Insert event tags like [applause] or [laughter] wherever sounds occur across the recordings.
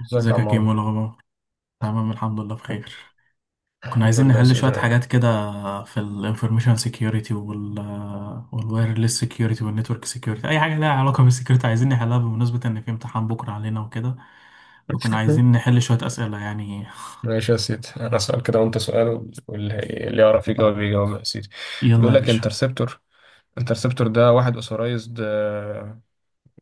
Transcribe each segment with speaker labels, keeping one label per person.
Speaker 1: ازيك يا
Speaker 2: ازيك يا كيمو، إيه
Speaker 1: عمار.
Speaker 2: الاخبار؟ تمام الحمد لله بخير. كنا
Speaker 1: الحمد
Speaker 2: عايزين
Speaker 1: لله يا
Speaker 2: نحل
Speaker 1: سيدي.
Speaker 2: شوية حاجات كده في الانفورميشن سيكيورتي والوايرلس سيكيورتي والنتورك سيكيورتي، اي حاجة لها علاقة بالسيكيورتي عايزين نحلها بمناسبة ان في امتحان بكرة علينا وكده. وكنا عايزين
Speaker 1: [laughs]
Speaker 2: نحل شوية اسئلة يعني.
Speaker 1: ماشي يا سيدي، انا سؤال كده وانت سؤال، واللي يعرف يجاوب يجاوب يا سيدي.
Speaker 2: يلا
Speaker 1: بيقول
Speaker 2: يا
Speaker 1: لك
Speaker 2: باشا.
Speaker 1: انترسبتور ده واحد اوثورايزد،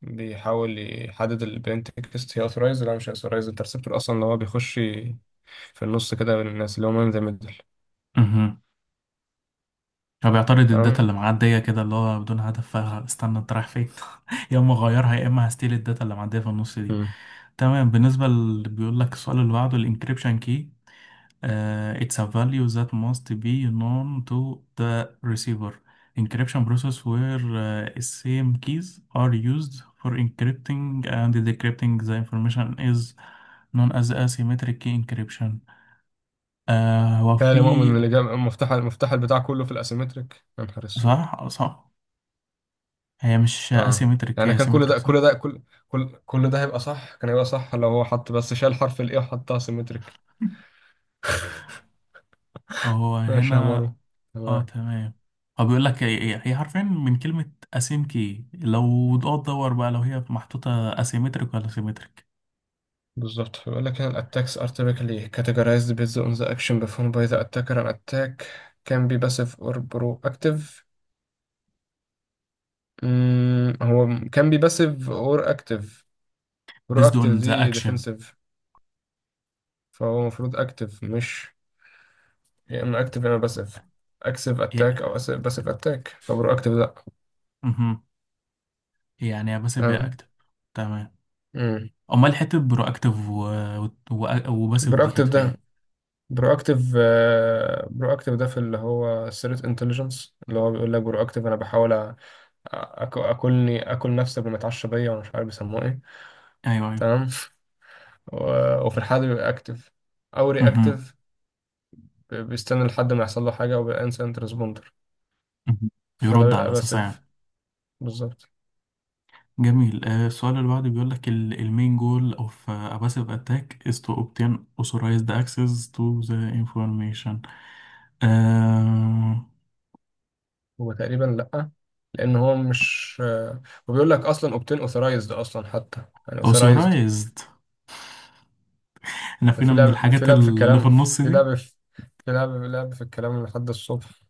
Speaker 1: بيحاول يحدد البنتكست هي اوثورايزد ولا مش اوثورايزد، انترسبتور اصلا اللي هو بيخش في النص كده بين الناس، اللي هو مان ذا ميدل.
Speaker 2: امم هو بيعترض الداتا
Speaker 1: تمام.
Speaker 2: اللي معدية كده، اللي هو بدون هدف، فاستنى انت رايح فين؟ [laughs] يا اما اغيرها يا اما هستيل الداتا اللي معدية في النص دي.
Speaker 1: مم.
Speaker 2: تمام. بالنسبة اللي بيقول لك السؤال اللي بعده، الانكريبشن كي: it's a value that must be known to the receiver. Encryption process where same keys are used for encrypting and decrypting the information is known as asymmetric key encryption. هو
Speaker 1: يا
Speaker 2: في.
Speaker 1: مؤمن اللي جاب مفتاح، البتاع كله في الاسيمتريك، يا نهار اسود.
Speaker 2: صح صح. هي مش
Speaker 1: اه،
Speaker 2: asymmetric،
Speaker 1: يعني
Speaker 2: هي
Speaker 1: كان كل
Speaker 2: symmetric،
Speaker 1: ده،
Speaker 2: صح.
Speaker 1: كل ده كل كل كل ده هيبقى صح، كان هيبقى صح لو هو حط، بس شال حرف الاي وحطها سيمتريك.
Speaker 2: هو
Speaker 1: ماشي يا
Speaker 2: هنا.
Speaker 1: مارو.
Speaker 2: اه
Speaker 1: تمام.
Speaker 2: تمام. هو بيقول لك هي حرفيا من كلمة asym key، لو تقعد تدور بقى لو هي محطوطة asymmetric ولا symmetric.
Speaker 1: بالظبط، بيقول لك ان attacks are typically categorized based on the action performed by the attacker. An attack can be passive or proactive. هو can be passive or active.
Speaker 2: Based
Speaker 1: Proactive
Speaker 2: on the
Speaker 1: دي
Speaker 2: action.
Speaker 1: defensive، فهو المفروض active. مش، يا اما active يا اما passive، active
Speaker 2: إيه.
Speaker 1: attack او passive attack، فبروactive لا.
Speaker 2: مهم. إيه، يعني يا باسيف يا
Speaker 1: تمام.
Speaker 2: اكتف. تمام.
Speaker 1: امم
Speaker 2: امال حته برواكتيف وباسيف دي كانت
Speaker 1: proactive
Speaker 2: في
Speaker 1: ده
Speaker 2: ايه؟
Speaker 1: برواكتيف برواكتيف ده في اللي هو الثريت انتليجنس، اللي هو بيقول لك برواكتيف انا بحاول اكلني، اكل نفسي قبل ما اتعشى بيا، وانا مش عارف بيسموه ايه.
Speaker 2: ايوه ايوه.
Speaker 1: تمام. وفي الحالة دي بيبقى اكتف، او
Speaker 2: مهم.
Speaker 1: رياكتيف، بيستنى لحد ما يحصل له حاجة، وبيبقى انسنت ريسبوندر،
Speaker 2: مهم.
Speaker 1: فده
Speaker 2: يرد
Speaker 1: بيبقى
Speaker 2: على اساسها
Speaker 1: باسيف.
Speaker 2: يعني.
Speaker 1: بالظبط.
Speaker 2: جميل. السؤال اللي بعده بيقول لك المين جول اوف باسيف اتاك از تو اوبتين authorized access to the information. آه...
Speaker 1: هو تقريبا لأ، لأن هو مش وبيقول لك أصلا اوبتين اوثرايزد أصلا، حتى يعني اوثرايزد.
Speaker 2: authorized. احنا
Speaker 1: ده
Speaker 2: فينا
Speaker 1: في
Speaker 2: من
Speaker 1: لعب، في
Speaker 2: الحاجات
Speaker 1: لعب في
Speaker 2: اللي في
Speaker 1: الكلام،
Speaker 2: النص
Speaker 1: في لعب
Speaker 2: دي.
Speaker 1: في في لعب، في لعب في الكلام لحد الصبح.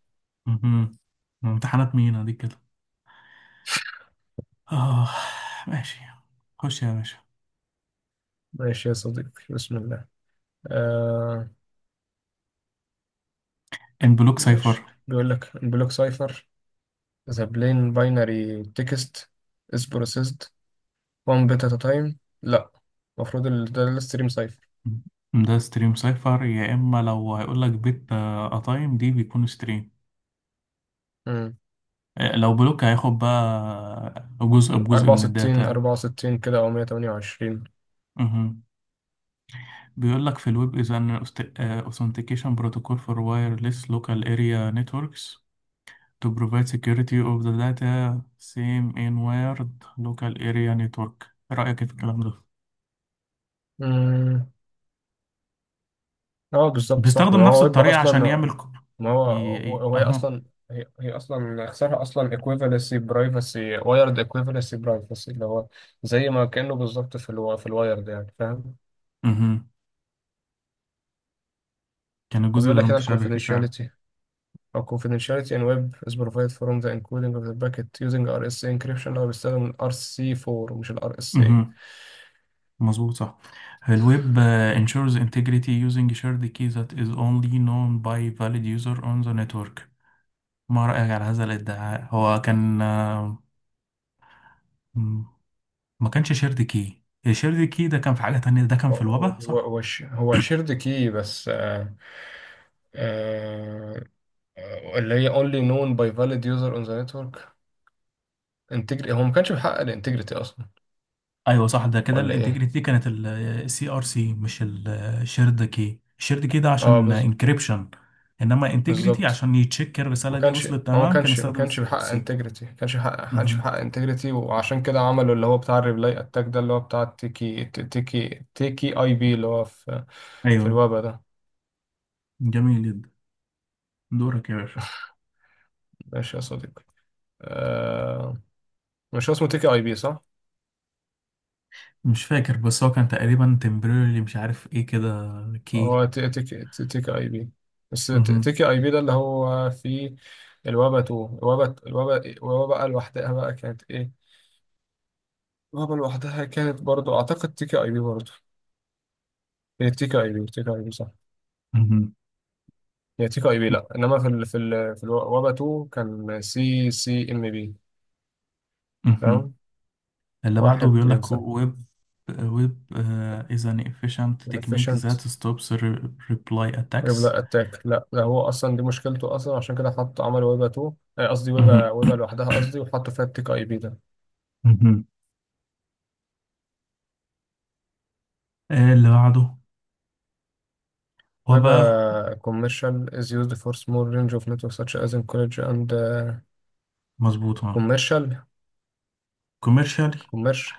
Speaker 2: مهم. امتحانات مين دي كده؟ اه. ماشي. خش يا باشا.
Speaker 1: ماشي يا صديقي، بسم الله. آه
Speaker 2: ان بلوك سايفر؟
Speaker 1: ماشي، بيقول لك بلوك سايفر، ذا بلين باينري تكست از بروسيسد 1 بيت ات تايم. لا، المفروض ده الستريم سايفر.
Speaker 2: ده ستريم سايفر، يا اما لو هيقول لك بيت قطايم دي بيكون ستريم.
Speaker 1: مم.
Speaker 2: لو بلوك هياخد بقى جزء بجزء من
Speaker 1: 64
Speaker 2: الداتا.
Speaker 1: 64 كده او 128.
Speaker 2: مهم. بيقول لك في الويب is an aust- آه، authentication protocol for wireless local area networks to provide security of the data same in wired local area network. ايه رأيك إيه في الكلام ده؟
Speaker 1: امم اه، بالظبط صح، ما
Speaker 2: بيستخدم نفس
Speaker 1: هو يبقى
Speaker 2: الطريقة
Speaker 1: اصلا.
Speaker 2: عشان يعمل
Speaker 1: ما
Speaker 2: ي...
Speaker 1: هو هو هي
Speaker 2: اهو.
Speaker 1: اصلا، هي اصلا اختصارها اصلا equivalency privacy، wired equivalency privacy، اللي هو زي ما كانه بالظبط في في الوايرد، يعني فاهم.
Speaker 2: مهم. كان الجزء
Speaker 1: وبيقول
Speaker 2: ده
Speaker 1: لك هنا ال
Speaker 2: متشابه فيه فعلا.
Speaker 1: confidentiality أو confidentiality in web is provided from the encoding of the packet using RSA encryption. هو بيستخدم ال RC4 مش ال RSA.
Speaker 2: مظبوط صح. الويب ensures integrity using shared key that is only known by valid user on the network. ما رأيك على هذا الادعاء؟ هو كان، م- ما كانش شيرد كي، الشيرد كي ده كان في حاجة تانية، ده كان في
Speaker 1: هو
Speaker 2: الوبا صح؟
Speaker 1: هو شيرد كي بس. آه اللي هي only known by valid user on the network. انتجري، هو ما كانش بيحقق الانتجريتي اصلا،
Speaker 2: ايوه صح، ده كده
Speaker 1: ولا ايه.
Speaker 2: الانتجريتي دي كانت السي ار سي مش الشيرد كي، الشيرد كي ده
Speaker 1: اه
Speaker 2: عشان
Speaker 1: بز...
Speaker 2: انكريبشن. انما انتجريتي
Speaker 1: بالظبط.
Speaker 2: عشان يتشيك
Speaker 1: ما
Speaker 2: الرسالة دي
Speaker 1: كانش،
Speaker 2: وصلت تمام كان يستخدم السي ار
Speaker 1: بيحقق
Speaker 2: سي.
Speaker 1: انتجريتي، ما كانش بيحقق انتجريتي، وعشان كده عملوا اللي هو بتاع الريبلاي اتاك ده، اللي هو بتاع التيكي تيكي اي بي، اللي هو في في
Speaker 2: ايوه.
Speaker 1: الويب ده.
Speaker 2: جميل جدا. دورك يا باشا.
Speaker 1: ماشي يا صديقي. آه... مش هو اسمه تيكي اي بي، صح؟
Speaker 2: مش فاكر، بس هو كان تقريبا تمبريرلي مش عارف ايه كده كي.
Speaker 1: هو تيكي اي بي، بس
Speaker 2: مهم.
Speaker 1: تيكي اي بي ده اللي هو فيه الوبا 2. الوبا بقى لوحدها بقى كانت ايه؟ لعبة لوحدها كانت برضو، أعتقد تيكا أي بي برضو. هي تيكا أي بي، تيكا أي بي، صح؟
Speaker 2: مهم.
Speaker 1: هي تيكا أي بي لأ، إنما في الوابا 2 كان سي سي إم بي.
Speaker 2: مهم.
Speaker 1: تمام.
Speaker 2: اللي بعده
Speaker 1: واحد
Speaker 2: بيقول لك
Speaker 1: ينسى.
Speaker 2: ويب. ويب is an efficient technique that
Speaker 1: Efficient،
Speaker 2: stops reply attacks.
Speaker 1: ريبلا أتاك، لأ ده هو أصلا دي مشكلته أصلا، عشان كده حط، عمل ويبا 2. آه، قصدي ويبا،
Speaker 2: مهم.
Speaker 1: ويبا لوحدها قصدي، وحطوا فيها التيكا أي بي ده.
Speaker 2: مهم. اللي بعده وباء.
Speaker 1: ويبا commercial is used for small range of networks such as in college and
Speaker 2: مظبوط اه.
Speaker 1: commercial.
Speaker 2: كوميرشال.
Speaker 1: Commercial.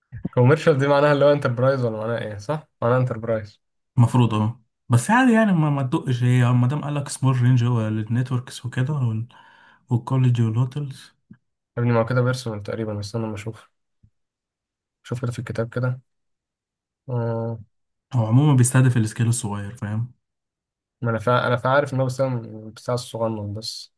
Speaker 1: [laughs] Commercial دي معناها اللي هو enterprise، ولا معناها إيه؟ صح؟ معناها enterprise.
Speaker 2: المفروض اه. بس عادي يعني ما تدقش هي، ما دام قال لك سمول رينج هو النتوركس وكده والكولج والهوتels.
Speaker 1: يا ابني ما هو كده بيرسونال تقريبا، استنى لما اشوف. شوف كده في الكتاب كده. آه.
Speaker 2: هو عموما بيستهدف السكيل الصغير فاهم.
Speaker 1: ما انا فا... انا فا عارف ان هو بس بتاع الصغنن بس،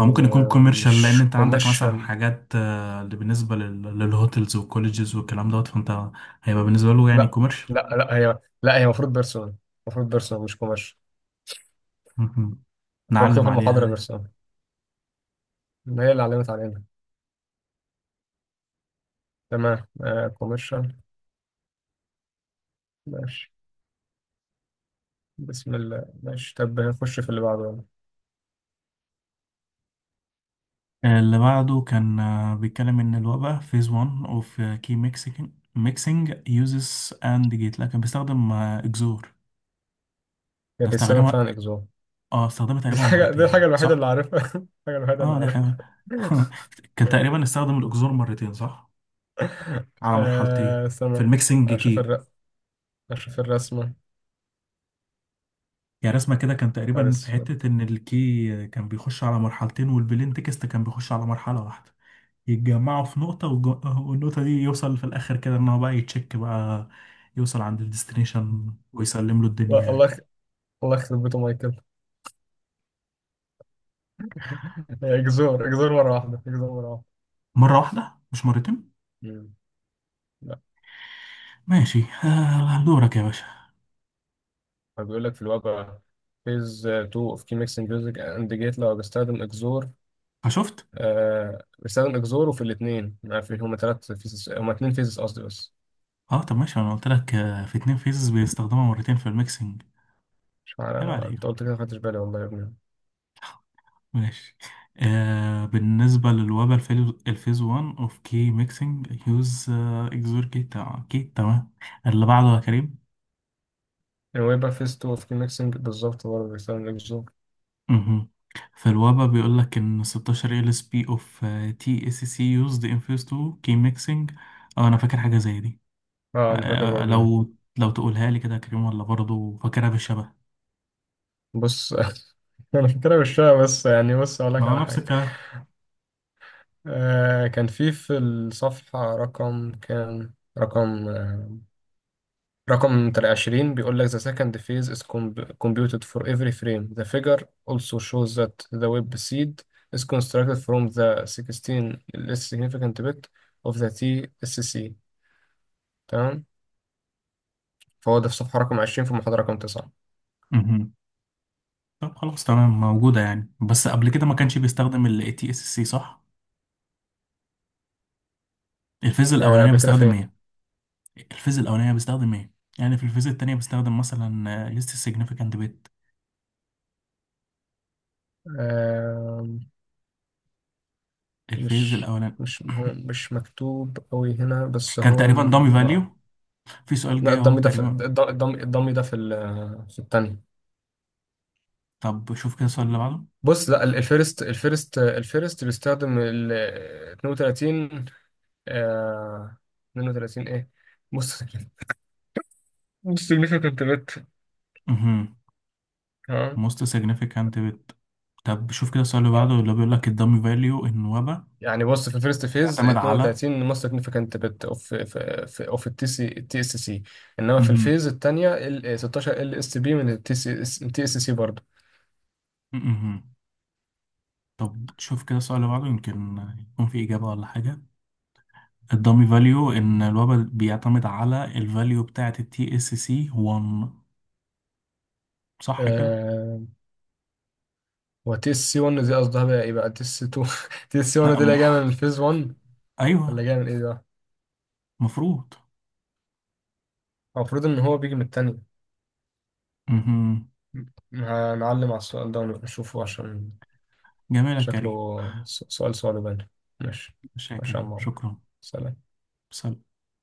Speaker 2: هو ممكن يكون كوميرشال، لان
Speaker 1: مش
Speaker 2: انت عندك مثلا
Speaker 1: كوميرشال.
Speaker 2: حاجات، اللي بالنسبه للهوتels والكولleges والكلام دوت، فانت هيبقى بالنسبه له يعني
Speaker 1: لا
Speaker 2: كوميرشال.
Speaker 1: لا لا، هي، لا هي المفروض بيرسونال. المفروض بيرسونال، مش كوميرشال.
Speaker 2: مهم.
Speaker 1: هو مكتوب
Speaker 2: نعلم
Speaker 1: في
Speaker 2: عليها
Speaker 1: المحاضرة
Speaker 2: دي.
Speaker 1: بيرسونال، هي اللي علمت علينا. تمام. آه، كوميرشال. ماشي. بسم الله ماشي، طب نخش في اللي بعده يلا.
Speaker 2: اللي بعده كان بيتكلم ان الوباء phase 1 of key mixing uses and gate. لا، كان بيستخدم اكزور.
Speaker 1: هي
Speaker 2: ده
Speaker 1: بيستخدم
Speaker 2: استخدمها.
Speaker 1: فعلا اكزوم.
Speaker 2: اه، استخدمها تقريبا
Speaker 1: دي الحاجة
Speaker 2: مرتين
Speaker 1: الوحيدة اللي
Speaker 2: صح.
Speaker 1: عارفها. [laughs] الحاجة الوحيدة اللي
Speaker 2: اه ده حلو.
Speaker 1: عارفها.
Speaker 2: [laughs] كان
Speaker 1: [laughs]
Speaker 2: تقريبا استخدم الاكزور مرتين صح، على مرحلتين،
Speaker 1: آه،
Speaker 2: في
Speaker 1: استنى.
Speaker 2: الميكسنج
Speaker 1: اشوف
Speaker 2: كي.
Speaker 1: الر... اشوف الرسمة.
Speaker 2: يعني رسمة كده كان
Speaker 1: نهار
Speaker 2: تقريبا في
Speaker 1: اسود.
Speaker 2: حتة إن الكي كان بيخش على مرحلتين والبلين تكست كان بيخش على مرحلة واحدة، يتجمعوا في نقطة والنقطة دي يوصل في الآخر كده إن هو بقى يتشيك بقى، يوصل عند الديستنيشن ويسلم له الدنيا
Speaker 1: لا،
Speaker 2: يعني.
Speaker 1: الله يخرب بيته مايكل. هي جذور، مرة واحدة، جذور مرة واحدة.
Speaker 2: مرة واحدة مش مرتين.
Speaker 1: مم. لا.
Speaker 2: ماشي. دورك يا باشا.
Speaker 1: هو بيقول لك في الواقع، فيز 2 اوف كي ميكسنج ميوزك اند جيت، لو بيستخدم اكزور.
Speaker 2: فشفت.
Speaker 1: آه، بيستخدم اكزور، وفي الاثنين، ما في، هما اثنين فيزز قصدي بس.
Speaker 2: اه طب ماشي، انا قلت لك في اتنين فيزز بيستخدمها مرتين في الميكسنج.
Speaker 1: مش عارف
Speaker 2: عيب
Speaker 1: انا،
Speaker 2: عليك.
Speaker 1: انت قلت كده ما خدتش بالي والله يا ابني.
Speaker 2: ماشي. بالنسبة للوبا الفيز 1 اوف كي ميكسينج يوز اكزور كي تمام كي تمام. اللي بعده يا كريم.
Speaker 1: هو يبقى فيز 2 اوف كي ميكسنج بالظبط برضه بيستخدم اكزور.
Speaker 2: مهم. في الوبا بيقول لك ان 16 ال اس بي اوف تي اس سي يوزد ان فيز 2 كي ميكسينج. اه انا فاكر حاجة زي دي. آه
Speaker 1: اه انا فاكر
Speaker 2: آه، آه،
Speaker 1: برضه،
Speaker 2: لو لو تقولها لي كده يا كريم، ولا برضه فاكرها بالشبه.
Speaker 1: بس. [laughs] أنا في كلام الشيء بس، يعني بس ولاك
Speaker 2: ما انا
Speaker 1: على
Speaker 2: نفس
Speaker 1: حاجة.
Speaker 2: الكلام.
Speaker 1: آه، كان في الصفحة رقم، كان رقم آه رقم تلاتة عشرين، بيقول لك the second phase is computed for every frame. The figure also shows that the web seed is constructed from the sixteen less significant bit of the TSC. تام. فهذا الصفحة رقم عشرين في محضر رقم تسعة.
Speaker 2: مهم. طب خلاص تمام موجودة يعني، بس قبل كده ما كانش بيستخدم ال تي اس سي صح؟ الفيز الأولانية
Speaker 1: ابي كده.
Speaker 2: بيستخدم إيه؟ الفيز الأولانية بستخدم إيه؟ يعني في الفيز التانية بستخدم مثلا ليست significant bit،
Speaker 1: في،
Speaker 2: الفيز
Speaker 1: مش
Speaker 2: الأولاني.
Speaker 1: مش هو
Speaker 2: [coughs]
Speaker 1: مش مكتوب قوي هنا، بس
Speaker 2: [clears throat] كان
Speaker 1: هو
Speaker 2: تقريبا dummy value.
Speaker 1: مع.
Speaker 2: في سؤال
Speaker 1: لا،
Speaker 2: جاي أهو
Speaker 1: الضم ده في
Speaker 2: تقريبا.
Speaker 1: الضم، الضم ده في في الثانية.
Speaker 2: طب شوف كده السؤال اللي بعده.
Speaker 1: بص، لا، الفيرست بيستخدم ال 32. آه، 32 ايه. بص، significant bit.
Speaker 2: مهم.
Speaker 1: ها.
Speaker 2: Most significant bit. طب شوف كده السؤال اللي بعده،
Speaker 1: اه،
Speaker 2: اللي بيقول لك الدامي فاليو النوبة
Speaker 1: يعني بص، في الفيرست فيز
Speaker 2: بيعتمد على.
Speaker 1: 32 most significant bit of في اوف التي سي، التي اس سي. انما في
Speaker 2: مهم.
Speaker 1: الفيز الثانيه، ال 16 ال اس بي من التي سي، التي اس سي برضه.
Speaker 2: مهم. طب شوف كده السؤال اللي بعده، يمكن يكون في إجابة ولا حاجة. الدامي فاليو إن الوبا بيعتمد على الفاليو بتاعة التي اس سي 1، صح كده؟
Speaker 1: آه، هو تي اس سي 1 دي قصدها بقى ايه؟ بقى تي اس 2؟ [laughs] تي اس سي 1 [laughs] دي
Speaker 2: أم-
Speaker 1: اللي جايه من الفيز 1، ولا
Speaker 2: أيوه.
Speaker 1: جايه من ايه بقى؟
Speaker 2: مفروض.
Speaker 1: هو المفروض ان هو بيجي من التانية.
Speaker 2: مهم.
Speaker 1: هنعلم على السؤال ده ونشوفه عشان
Speaker 2: جميل يا كريم.
Speaker 1: شكله سؤال صعب باين. ماشي.
Speaker 2: ماشي يا
Speaker 1: ماشي يا
Speaker 2: كريم
Speaker 1: عم عمرو.
Speaker 2: شكرا.
Speaker 1: سلام.
Speaker 2: سلام.